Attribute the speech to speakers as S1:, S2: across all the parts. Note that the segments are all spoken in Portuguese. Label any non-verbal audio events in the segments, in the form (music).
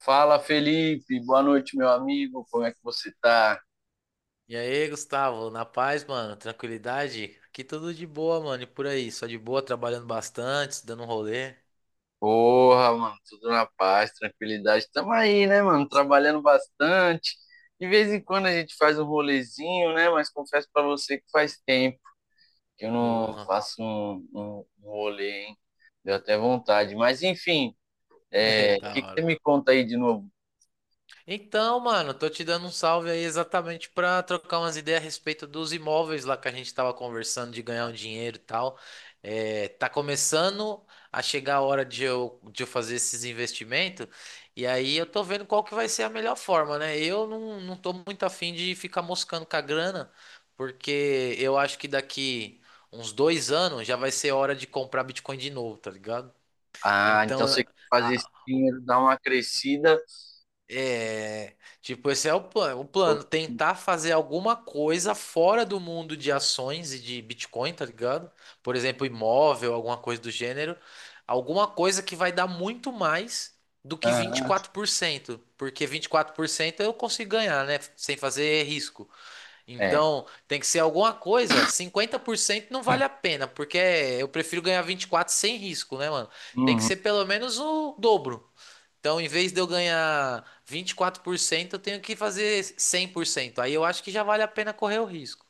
S1: Fala, Felipe. Boa noite, meu amigo. Como é que você tá?
S2: E aí, Gustavo, na paz, mano, tranquilidade? Aqui tudo de boa, mano, e por aí, só de boa, trabalhando bastante, dando um rolê.
S1: Porra, mano, tudo na paz, tranquilidade. Tamo aí, né, mano? Trabalhando bastante. De vez em quando a gente faz um rolezinho, né? Mas confesso pra você que faz tempo que eu não
S2: Porra,
S1: faço um rolê, hein? Deu até vontade. Mas, enfim,
S2: (laughs) é
S1: o
S2: da
S1: que que você
S2: hora.
S1: me conta aí de novo?
S2: Então, mano, tô te dando um salve aí exatamente pra trocar umas ideias a respeito dos imóveis lá que a gente tava conversando de ganhar um dinheiro e tal. É, tá começando a chegar a hora de eu fazer esses investimentos e aí eu tô vendo qual que vai ser a melhor forma, né? Eu não tô muito afim de ficar moscando com a grana, porque eu acho que daqui uns dois anos já vai ser hora de comprar Bitcoin de novo, tá ligado?
S1: Ah,
S2: Então,
S1: então você quer fazer esse
S2: a-
S1: dinheiro dar uma crescida?
S2: é, tipo, esse é o plano. O plano, tentar fazer alguma coisa fora do mundo de ações e de Bitcoin, tá ligado? Por exemplo, imóvel, alguma coisa do gênero. Alguma coisa que vai dar muito mais do que vinte e
S1: Ah,
S2: quatro por cento. Porque 24% eu consigo ganhar, né? Sem fazer risco.
S1: é.
S2: Então, tem que ser alguma coisa. Cinquenta por cento não vale a pena, porque eu prefiro ganhar 24 sem risco, né, mano? Tem que
S1: Uhum.
S2: ser pelo menos o dobro. Então, em vez de eu ganhar 24%, eu tenho que fazer 100%. Aí eu acho que já vale a pena correr o risco.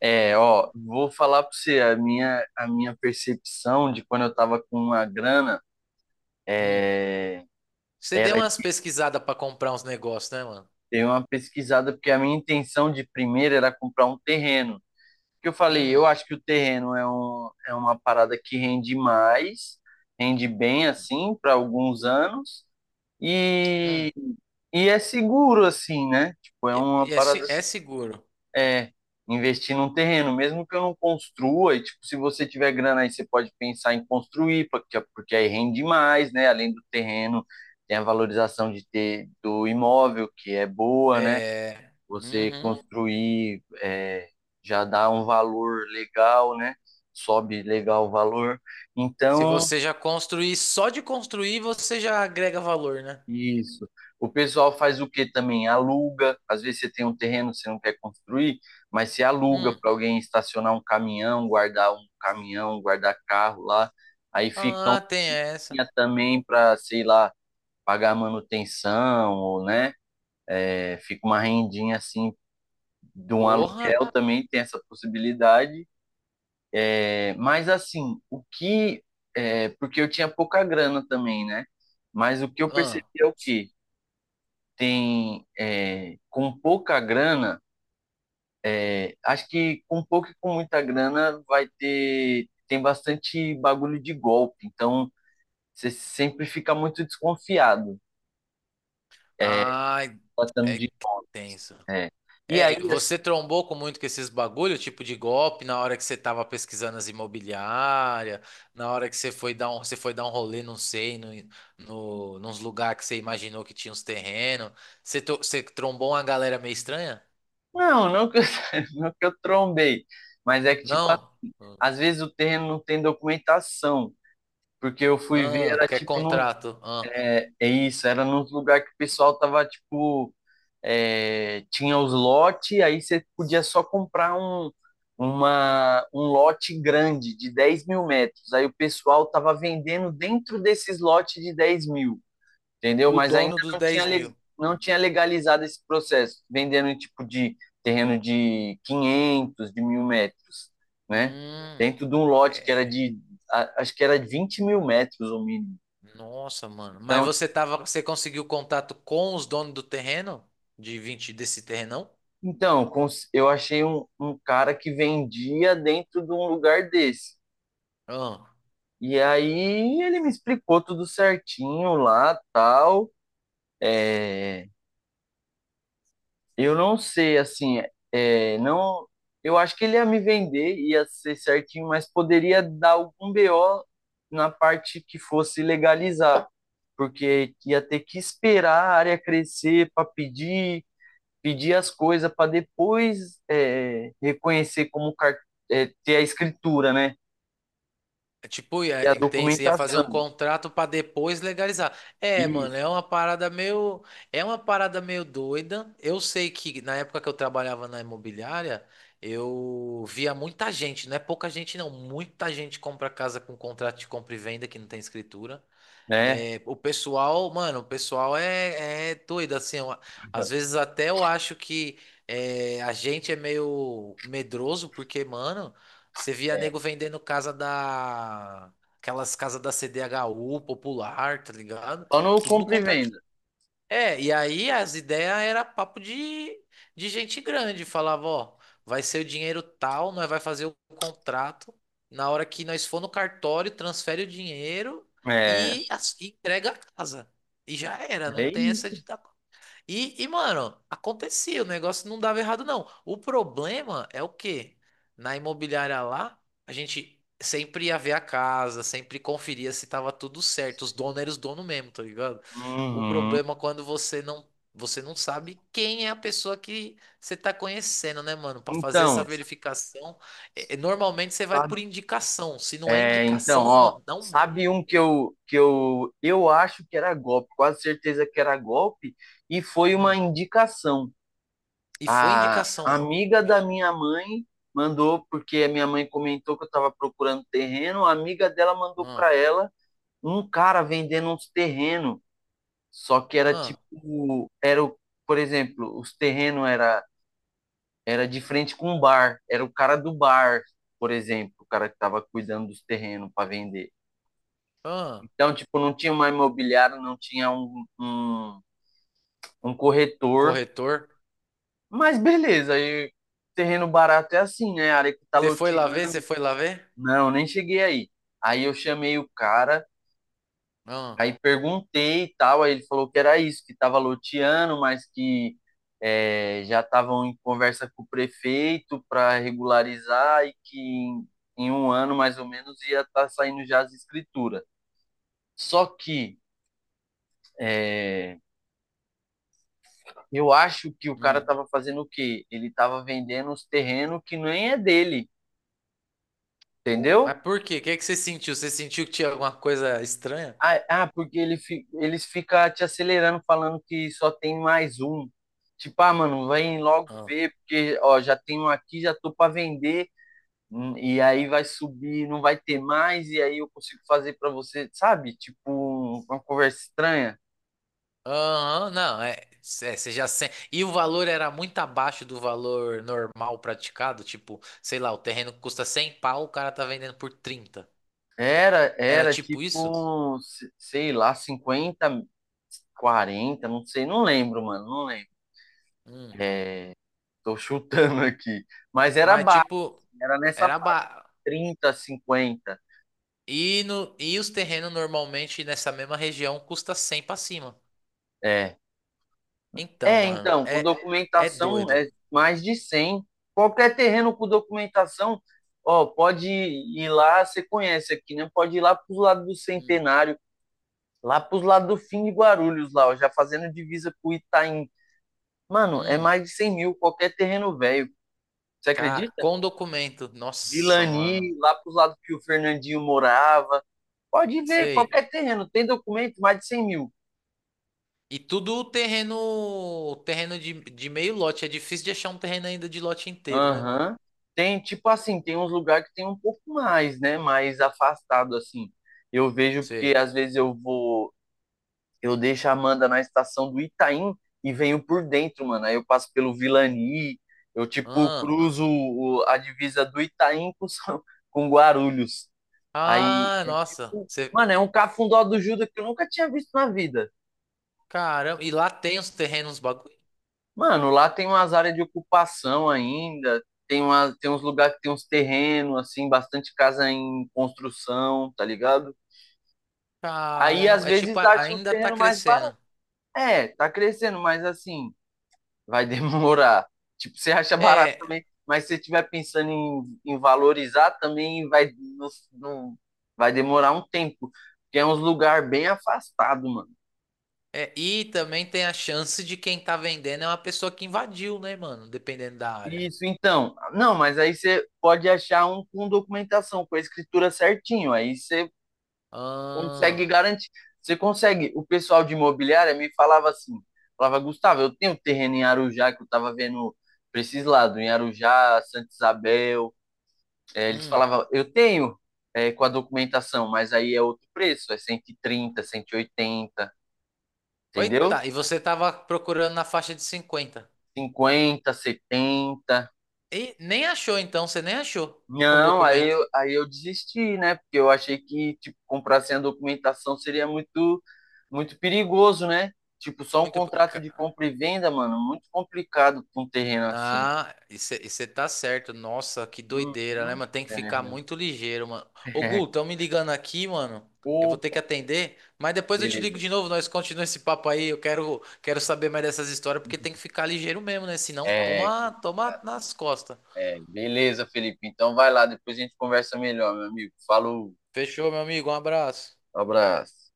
S1: É, ó, vou falar para você a minha percepção de quando eu tava com uma grana,
S2: Hum.
S1: é,
S2: Você deu
S1: era
S2: umas pesquisadas para comprar uns negócios, né, mano?
S1: ter uma pesquisada, porque a minha intenção de primeiro era comprar um terreno. Que eu falei,
S2: Hum,
S1: eu acho que o terreno é uma parada que rende mais, rende bem assim para alguns anos,
S2: hum.
S1: e, e é seguro assim, né? Tipo, é uma
S2: E é,
S1: parada
S2: é seguro.
S1: é investir num terreno, mesmo que eu não construa, e tipo, se você tiver grana aí, você pode pensar em construir, porque aí rende mais, né? Além do terreno, tem a valorização de ter do imóvel, que é boa, né?
S2: É.
S1: Você
S2: Uhum.
S1: construir já dá um valor legal, né? Sobe legal o valor.
S2: Se
S1: Então,
S2: você já construir, só de construir você já agrega valor, né?
S1: isso. O pessoal faz o que também? Aluga. Às vezes você tem um terreno que você não quer construir, mas você aluga
S2: Hum.
S1: para alguém estacionar um caminhão, guardar carro lá. Aí fica um
S2: Ah, tem essa.
S1: dinheiro também para, sei lá, pagar manutenção, ou, né? É, fica uma rendinha assim de um
S2: Porra.
S1: aluguel também tem essa possibilidade. É, mas assim, o que. É, porque eu tinha pouca grana também, né? Mas o que eu percebi
S2: Ah.
S1: é o quê? Tem com pouca grana, acho que com pouco e com muita grana vai ter tem bastante bagulho de golpe, então você sempre fica muito desconfiado, é,
S2: Ai,
S1: tratando
S2: é que
S1: de
S2: tenso.
S1: é. E aí
S2: É,
S1: assim,
S2: você trombou com muito com esses bagulho, tipo de golpe, na hora que você tava pesquisando as imobiliárias, na hora que você foi dar um, você foi dar um rolê, não sei, no, no, nos lugares que você imaginou que tinha uns terrenos. Você, você trombou uma galera meio estranha?
S1: não, (laughs) não que eu trombei, mas é que tipo
S2: Não?
S1: às vezes o terreno não tem documentação, porque eu fui ver
S2: Ah,
S1: era
S2: quer contrato? Ah,
S1: é, é isso, era num lugar que o pessoal tava tipo tinha os lotes, aí você podia só comprar um lote grande de 10 mil metros. Aí o pessoal estava vendendo dentro desses lotes de 10 mil, entendeu?
S2: o
S1: Mas ainda
S2: dono dos
S1: não tinha,
S2: 10 mil.
S1: não tinha legalizado esse processo, vendendo em tipo de terreno de 500 de mil metros, né?
S2: Hum,
S1: Dentro de um lote que era
S2: é,
S1: de, acho que era de 20 mil metros o mínimo.
S2: nossa, mano. Mas
S1: Então,
S2: você tava, você conseguiu contato com os donos do terreno? De 20 desse terrenão?
S1: então, eu achei um cara que vendia dentro de um lugar desse.
S2: Ah.
S1: E aí ele me explicou tudo certinho lá, tal. É, eu não sei, assim, é, não, eu acho que ele ia me vender, ia ser certinho, mas poderia dar algum BO na parte que fosse legalizar, porque ia ter que esperar a área crescer para pedir, pedir as coisas para depois reconhecer ter a escritura, né?
S2: É. Tipo,
S1: E a
S2: ia, entende? Você ia fazer
S1: documentação.
S2: um contrato pra depois legalizar. É, mano,
S1: Isso,
S2: é uma parada meio doida. Eu sei que na época que eu trabalhava na imobiliária, eu via muita gente, não é pouca gente não, muita gente compra casa com contrato de compra e venda que não tem escritura.
S1: né?
S2: É, o pessoal, mano, o pessoal é, é doido, assim, às vezes até eu acho que é, a gente é meio medroso, porque, mano, você via
S1: É.
S2: nego vendendo casa da... Aquelas casas da CDHU popular, tá ligado?
S1: Só no
S2: Tudo no
S1: compra e
S2: contato
S1: venda.
S2: é, e aí as ideias era papo de gente grande. Falava, ó, vai ser o dinheiro tal, nós vai fazer o contrato. Na hora que nós for no cartório, transfere o dinheiro
S1: É,
S2: e, e entrega a casa. E já era, não
S1: é
S2: tem essa de
S1: isso.
S2: dar e, mano, acontecia, o negócio não dava errado, não. O problema é o quê? Na imobiliária lá, a gente sempre ia ver a casa, sempre conferia se tava tudo certo. Os donos eram os donos mesmo, tá ligado? O
S1: Uhum.
S2: problema é quando você não sabe quem é a pessoa que você tá conhecendo, né, mano? Pra fazer essa
S1: Então,
S2: verificação, normalmente você vai por
S1: sabe-
S2: indicação. Se não é
S1: então,
S2: indicação,
S1: ó,
S2: mano, dá um
S1: sabe um
S2: medo.
S1: que eu acho que era golpe, quase certeza que era golpe, e foi uma
S2: Hum.
S1: indicação.
S2: E foi
S1: A
S2: indicação.
S1: amiga da
S2: Vixe.
S1: minha mãe mandou porque a minha mãe comentou que eu estava procurando terreno, a amiga dela mandou
S2: Ah,
S1: para ela um cara vendendo uns terrenos. Só que era
S2: ah,
S1: tipo, por exemplo, os terrenos era de frente com um bar, era o cara do bar, por exemplo, o cara que estava cuidando dos terrenos para vender.
S2: ah.
S1: Então, tipo, não tinha uma imobiliária, não tinha um
S2: Um
S1: corretor,
S2: corretor.
S1: mas beleza, aí terreno barato é assim, né? A área que tá
S2: Você foi lá ver? Você
S1: loteando.
S2: foi lá ver?
S1: Não, nem cheguei aí. Aí eu chamei o cara.
S2: Não.
S1: Aí perguntei e tal, aí ele falou que era isso, que estava loteando, mas que já estavam em conversa com o prefeito para regularizar e que em um ano mais ou menos ia estar saindo já as escrituras. Só que eh, eu acho que o cara
S2: Hum.
S1: estava fazendo o quê? Ele estava vendendo os terrenos que nem é dele,
S2: Pô, mas
S1: entendeu?
S2: por quê? O que é que você sentiu? Você sentiu que tinha alguma coisa estranha?
S1: Porque ele, eles ficam te acelerando, falando que só tem mais um. Tipo, ah, mano, vem logo
S2: Ah.
S1: ver, porque, ó, já tem um aqui, já tô pra vender, e aí vai subir, não vai ter mais, e aí eu consigo fazer pra você, sabe? Tipo, uma conversa estranha.
S2: Aham, não, é, é, você já sente. E o valor era muito abaixo do valor normal praticado? Tipo, sei lá, o terreno custa 100 pau, o cara tá vendendo por trinta.
S1: Era,
S2: Era
S1: era
S2: tipo isso?
S1: tipo, se- sei lá, 50, 40, não sei, não lembro, mano, não lembro.
S2: Hum.
S1: Tô chutando aqui. Mas era
S2: Mas
S1: baixo,
S2: tipo,
S1: assim, era nessa
S2: era
S1: faixa,
S2: ba...
S1: trinta cinquenta.
S2: E, no, e os terrenos normalmente nessa mesma região custa 100 pra cima.
S1: É.
S2: Então,
S1: É,
S2: mano,
S1: então, com
S2: é, é
S1: documentação
S2: doido.
S1: é mais de 100. Qualquer terreno com documentação, ó, pode ir lá, você conhece aqui, né? Pode ir lá para os lados do
S2: Hum.
S1: Centenário, lá para os lados do fim de Guarulhos, lá, ó, já fazendo divisa com o Itaim. Mano, é
S2: Hum,
S1: mais de 100 mil qualquer terreno velho. Você acredita?
S2: com documento. Nossa, mano.
S1: Vilani, lá para os lados que o Fernandinho morava. Pode ver,
S2: Sei.
S1: qualquer terreno tem documento, mais de 100 mil.
S2: E tudo terreno, de meio lote. É difícil de achar um terreno ainda de lote inteiro, né, mano?
S1: Aham. Tem, tipo assim, tem uns lugares que tem um pouco mais, né? Mais afastado, assim. Eu vejo porque
S2: Sei.
S1: às vezes eu vou, eu deixo a Amanda na estação do Itaim e venho por dentro, mano. Aí eu passo pelo Vilani, eu, tipo,
S2: Ah,
S1: a divisa do Itaim com, (laughs) com Guarulhos. Aí
S2: ah,
S1: é
S2: nossa.
S1: tipo,
S2: Você,
S1: mano, é um cafundó do Judas que eu nunca tinha visto na vida.
S2: caramba. E lá tem os terrenos, bagulho.
S1: Mano, lá tem umas áreas de ocupação ainda, tem, tem uns lugares que tem uns terrenos, assim, bastante casa em construção, tá ligado? Aí às
S2: Caramba. É
S1: vezes
S2: tipo,
S1: dá um
S2: ainda tá
S1: terreno mais barato.
S2: crescendo.
S1: É, tá crescendo, mas assim, vai (laughs) demorar. Tipo, você acha barato
S2: É,
S1: também, mas se você estiver pensando em valorizar também, vai, não, não- vai demorar um tempo, porque é uns lugar bem afastado, mano.
S2: é. E também tem a chance de quem tá vendendo é uma pessoa que invadiu, né, mano? Dependendo da área.
S1: Isso, então. Não, mas aí você pode achar um com documentação, com a escritura certinho. Aí você
S2: Ah,
S1: consegue garantir. Você consegue. O pessoal de imobiliária me falava assim: falava, Gustavo, eu tenho terreno em Arujá que eu tava vendo pra esses lados, em Arujá, Santa Isabel. É, eles
S2: hum.
S1: falavam, eu tenho com a documentação, mas aí é outro preço, é cento cento e trinta cento e oitenta,
S2: Oita,
S1: entendeu?
S2: e você tava procurando na faixa de cinquenta.
S1: Cinquenta setenta.
S2: E nem achou, então, você nem achou com
S1: Não,
S2: documento.
S1: aí eu desisti, né? Porque eu achei que, tipo, comprar sem a documentação seria muito, muito perigoso, né? Tipo, só um
S2: Muito.
S1: contrato de compra e venda, mano, muito complicado com um terreno assim.
S2: Na, e você tá certo. Nossa, que doideira, né,
S1: Uhum.
S2: mano? Tem que ficar
S1: É.
S2: muito ligeiro, mano. Ô, Gu, estão
S1: (laughs)
S2: me ligando aqui, mano. Eu vou ter que
S1: Opa,
S2: atender, mas depois eu te ligo de
S1: beleza.
S2: novo, nós continuamos esse papo aí. Quero saber mais dessas histórias, porque tem que ficar ligeiro mesmo, né? Senão,
S1: É,
S2: toma nas costas.
S1: beleza, Felipe. Então vai lá, depois a gente conversa melhor, meu amigo. Falou,
S2: Fechou, meu amigo. Um abraço.
S1: abraço.